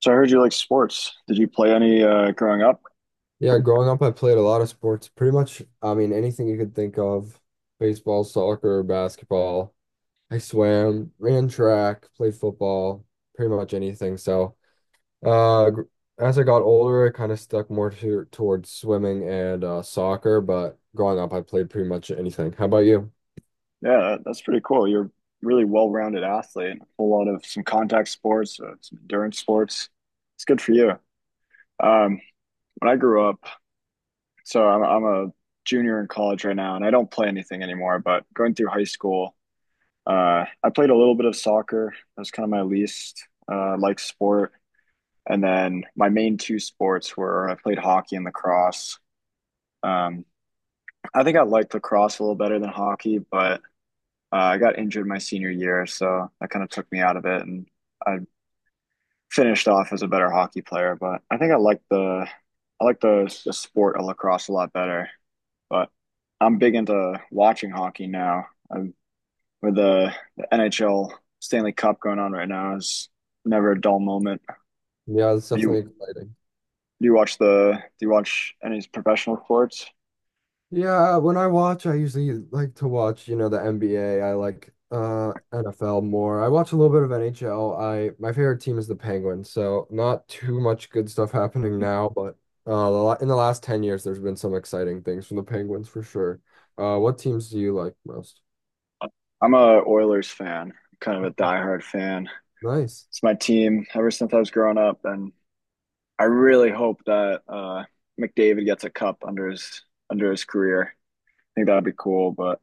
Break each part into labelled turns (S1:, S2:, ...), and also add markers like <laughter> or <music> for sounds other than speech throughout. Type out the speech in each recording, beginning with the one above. S1: So I heard you like sports. Did you play any growing up?
S2: Yeah, growing up, I played a lot of sports. Pretty much, I mean, anything you could think of. Baseball, soccer, basketball. I swam, ran track, played football, pretty much anything. So, uh, gr- as I got older, I kind of stuck towards swimming and soccer, but growing up, I played pretty much anything. How about you?
S1: Yeah, that's pretty cool. You're a really well-rounded athlete. A whole lot of some contact sports, some endurance sports. It's good for you. Um, when I grew up, so I'm a junior in college right now, and I don't play anything anymore. But going through high school, I played a little bit of soccer. That was kind of my least like sport. And then my main two sports were I played hockey and lacrosse. Um, I think I liked lacrosse a little better than hockey, but I got injured my senior year, so that kind of took me out of it, and I finished off as a better hockey player. But I think I like the sport of lacrosse a lot better. But I'm big into watching hockey now. With the NHL Stanley Cup going on right now, is never a dull moment.
S2: Yeah, it's definitely
S1: You
S2: exciting.
S1: do you watch the do you watch any professional sports?
S2: Yeah, when I watch, I usually like to watch, you know, the NBA. I like NFL more. I watch a little bit of NHL. I My favorite team is the Penguins, so not too much good stuff happening now, but in the last 10 years there's been some exciting things from the Penguins for sure. Uh, what teams do you like most?
S1: I'm a Oilers fan, kind of a diehard fan.
S2: Nice.
S1: It's my team ever since I was growing up, and I really hope that McDavid gets a cup under his career. I think that'd be cool. But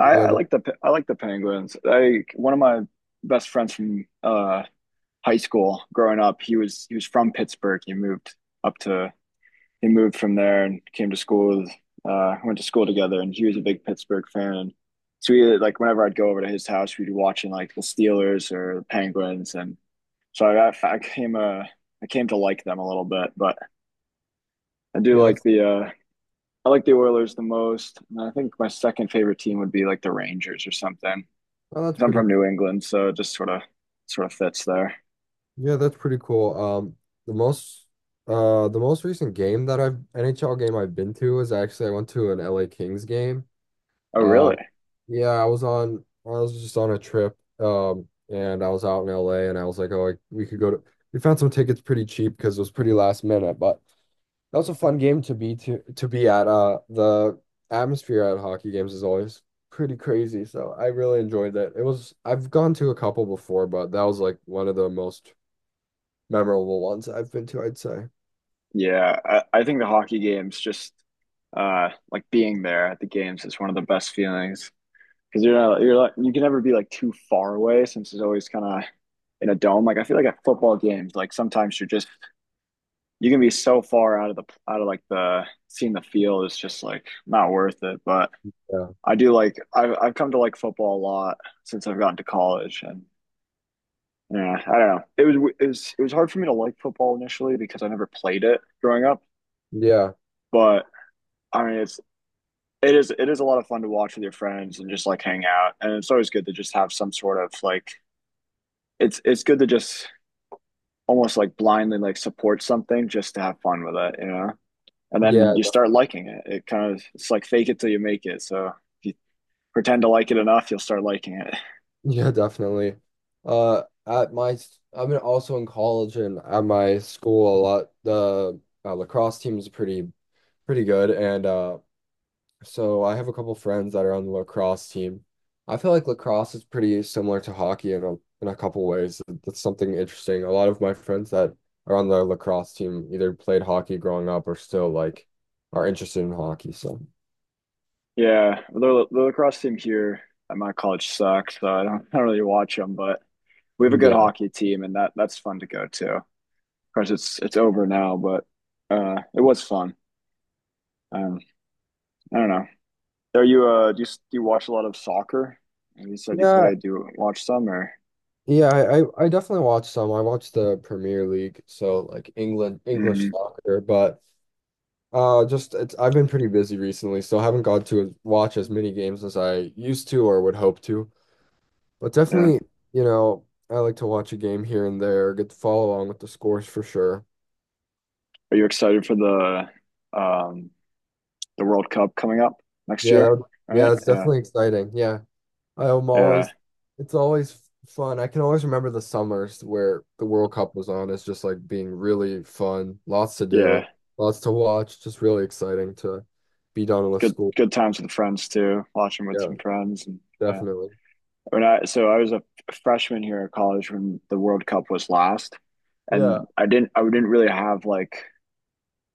S1: I,
S2: Yeah,
S1: I
S2: that,
S1: like the I like the Penguins. I One of my best friends from high school growing up. He was from Pittsburgh. Up to he moved from there and came to school. Went to school together, and he was a big Pittsburgh fan. And so we like whenever I'd go over to his house, we'd be watching like the Steelers or the Penguins, and so I came to like them a little bit, but I do
S2: yeah,
S1: like
S2: that's
S1: the uh I like the Oilers the most. And I think my second favorite team would be like the Rangers or something.
S2: oh, that's
S1: 'Cause I'm
S2: pretty
S1: from New England, so it just sort of fits there.
S2: Yeah, that's pretty cool. The most recent game that I've NHL game I've been to is actually I went to an LA Kings game.
S1: Oh,
S2: Uh,
S1: really?
S2: Yeah, I was just on a trip and I was out in LA and I was like, oh, like we could go to we found some tickets pretty cheap because it was pretty last minute, but that was a fun game to be at. Uh, the atmosphere at hockey games is always pretty crazy, so I really enjoyed that. It was I've gone to a couple before, but that was like one of the most memorable ones I've been to, I'd say.
S1: Yeah, I think the hockey games just like being there at the games is one of the best feelings because you're like you can never be like too far away since it's always kind of in a dome. Like I feel like at football games, like sometimes you can be so far out of like the seeing the field is just like not worth it. But
S2: Yeah.
S1: I've come to like football a lot since I've gotten to college, and yeah, I don't know. It was hard for me to like football initially because I never played it growing up.
S2: Yeah.
S1: But I mean, it is a lot of fun to watch with your friends and just like hang out, and it's always good to just have some sort of like it's good to just almost like blindly like support something just to have fun with it. And
S2: Yeah,
S1: then you start
S2: definitely.
S1: liking it. It's like fake it till you make it. So if you pretend to like it enough, you'll start liking it.
S2: Yeah, definitely. I'm also in college, and at my school a lot. The lacrosse team is pretty good, and so I have a couple friends that are on the lacrosse team. I feel like lacrosse is pretty similar to hockey in a couple ways. That's something interesting. A lot of my friends that are on the lacrosse team either played hockey growing up or still like are interested in hockey. So
S1: Yeah, the lacrosse team here at my college sucks, so I don't really watch them. But we have a good
S2: yeah.
S1: hockey team, and that's fun to go to. Of course, it's over now, but it was fun. Um, I don't know. Are you do you, do you watch a lot of soccer? You said you
S2: Yeah.
S1: played. Do you watch some or?
S2: Yeah, I definitely watch some. I watch the Premier League, so like England English
S1: Hmm.
S2: soccer, but just it's I've been pretty busy recently, so I haven't got watch as many games as I used to or would hope to. But
S1: Yeah.
S2: definitely, you know, I like to watch a game here and there, get to follow along with the scores for sure.
S1: Are you excited for the um World Cup coming up next
S2: Yeah,
S1: year?
S2: that,
S1: Right?
S2: yeah, it's
S1: Yeah,
S2: definitely exciting. Yeah. I'm
S1: yeah,
S2: always, it's always fun. I can always remember the summers where the World Cup was on. It's just like being really fun, lots to
S1: yeah.
S2: do, lots to watch, just really exciting to be done with
S1: Good
S2: school.
S1: good times with friends too. Watching with
S2: Yeah,
S1: some friends and. Yeah.
S2: definitely.
S1: When I So I was a freshman here at college when the World Cup was last,
S2: Yeah,
S1: and I didn't really have like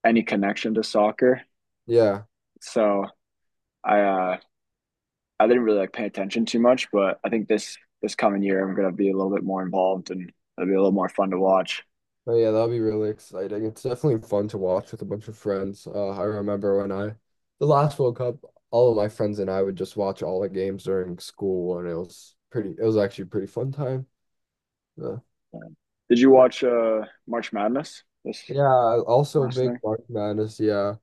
S1: any connection to soccer,
S2: yeah.
S1: so I uh, I didn't really like pay attention too much. But I think this coming year I'm gonna be a little bit more involved, and it'll be a little more fun to watch.
S2: But yeah, that'll be really exciting. It's definitely fun to watch with a bunch of friends. I remember when I, The last World Cup, all of my friends and I would just watch all the games during school, and it was actually a pretty fun time. Yeah.
S1: And did you watch March Madness this
S2: Yeah, also
S1: last
S2: big
S1: thing?
S2: March Madness. Yeah.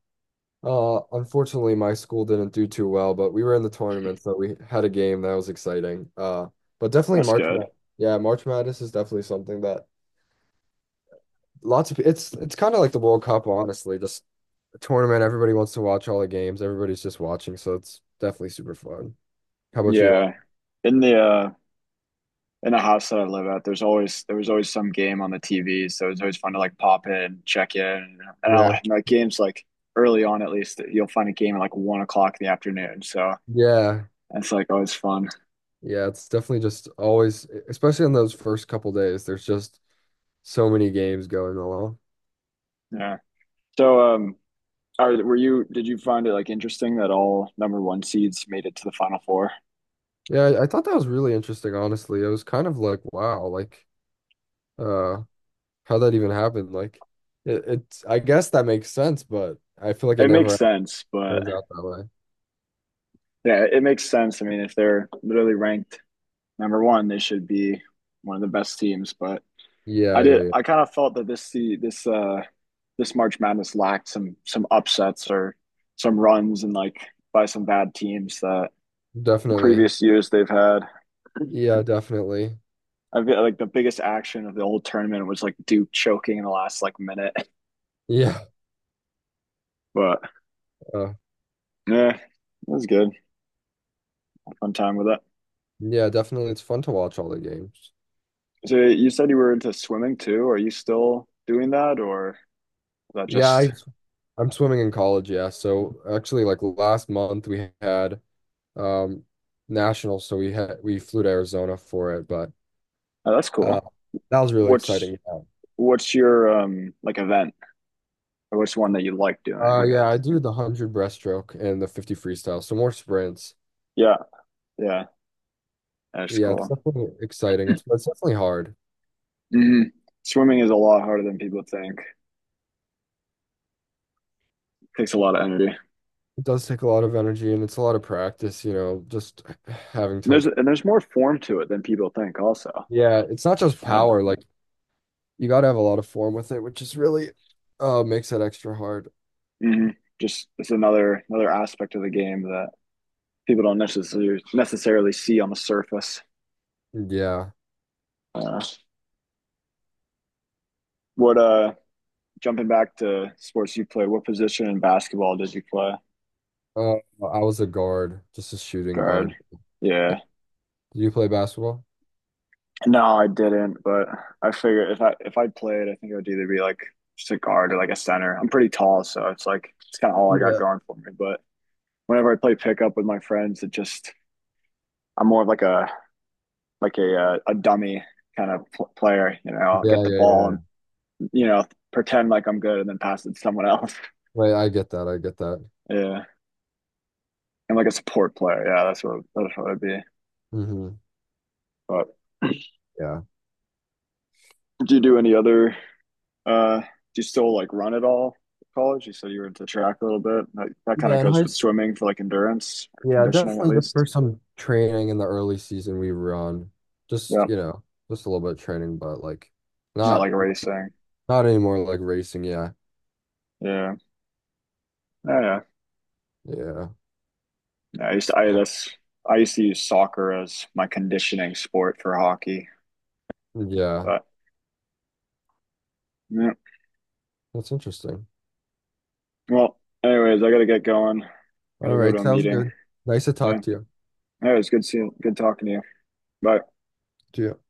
S2: Unfortunately, my school didn't do too well, but we were in the tournament, so we had a game that was exciting. But definitely
S1: That's
S2: March
S1: good.
S2: Mad. Yeah, March Madness is definitely something that it's kind of like the World Cup, honestly. Just a tournament, everybody wants to watch all the games. Everybody's just watching, so it's definitely super fun. How about you?
S1: Yeah, in the uh, in the house that I live at, there was always some game on the TV, so it's always fun to like pop in, check in, and I
S2: Yeah.
S1: like like, games like early on at least. You'll find a game at like 1 o'clock in the afternoon, so
S2: Yeah.
S1: it's like always fun.
S2: Yeah, it's definitely just always, especially on those first couple days, there's just so many games going along.
S1: Yeah. So, were you? Did you find it like interesting that all number one seeds made it to the final four?
S2: I thought that was really interesting, honestly. It was kind of like, wow, like uh how that even happened. Like it's I guess that makes sense, but I feel like it
S1: It makes
S2: never
S1: sense, but
S2: turns out that way.
S1: yeah, it makes sense. I mean, if they're literally ranked number one, they should be one of the best teams, but I
S2: Yeah, yeah,
S1: did.
S2: yeah.
S1: I kind of felt that this the this this March Madness lacked some upsets or some runs and like by some bad teams that
S2: Definitely.
S1: previous years they've had.
S2: Yeah, definitely.
S1: I feel like the biggest action of the whole tournament was like Duke choking in the last like minute. <laughs>
S2: Yeah.
S1: But
S2: Uh,
S1: yeah, it was good. Fun time with it.
S2: yeah, definitely. It's fun to watch all the games.
S1: So you said you were into swimming too. Are you still doing that, or is that
S2: Yeah, I
S1: just?
S2: I'm swimming in college, yeah. So actually like last month we had um nationals, so we flew to Arizona for it, but
S1: Oh, that's
S2: uh
S1: cool.
S2: that was really
S1: What's
S2: exciting. Yeah.
S1: what's your like event or what's one that you like doing, I
S2: Yeah, I
S1: guess.
S2: do the 100 breaststroke and the 50 freestyle, so more sprints.
S1: Yeah, yeah. That's
S2: Yeah, it's
S1: cool.
S2: definitely exciting. It's definitely hard.
S1: hmm Swimming is a lot harder than people think. Takes a lot of energy. And
S2: It does take a lot of energy and it's a lot of practice, you know, having to,
S1: there's more form to it than people think. Also,
S2: yeah, it's not just
S1: yeah.
S2: power, like you got to have a lot of form with it, which is really makes it extra hard.
S1: hmm Just it's another aspect of the game that people don't necessarily see on the surface.
S2: Yeah.
S1: Uh, what Jumping back to sports you play, what position in basketball did you play?
S2: Uh, I was a guard, just a shooting
S1: Guard.
S2: guard. Yeah.
S1: Yeah.
S2: Do you play basketball?
S1: No, I didn't, but I figured if I played, I think it would either be like just a guard or like a center. I'm pretty tall, so it's like it's kind of all I got
S2: Yeah.
S1: going for me. But whenever I play pickup with my friends, it just I'm more of a dummy kind of pl player. You know, I'll
S2: Yeah,
S1: get the
S2: yeah,
S1: ball
S2: yeah.
S1: and you know pretend like I'm good and then pass it to someone else. <laughs>
S2: Wait, I get that. I get that.
S1: Yeah, and like a support player. Yeah, that's what I'd be.
S2: Hmm.
S1: But
S2: Yeah.
S1: do you do any other do you still like run at all at college? You said you were into track a little bit. That kind
S2: Yeah,
S1: of
S2: in
S1: goes
S2: high
S1: with swimming for like endurance or
S2: Yeah,
S1: conditioning at
S2: definitely just for
S1: least.
S2: some training in the early season we run. Just,
S1: Yeah,
S2: you know, just a little bit of training, but like
S1: not
S2: not
S1: like racing.
S2: not anymore like racing, yeah.
S1: Yeah, yeah, yeah.
S2: Yeah.
S1: Yeah, I used to, I
S2: So,
S1: that's I used to use soccer as my conditioning sport for hockey,
S2: yeah.
S1: but yeah.
S2: That's interesting.
S1: Well, anyways, I gotta get going.
S2: All
S1: Gotta go to
S2: right,
S1: a
S2: sounds
S1: meeting.
S2: good. Nice to
S1: Yeah.
S2: talk to you.
S1: Anyways, good seeing, good talking to you. Bye.
S2: To you.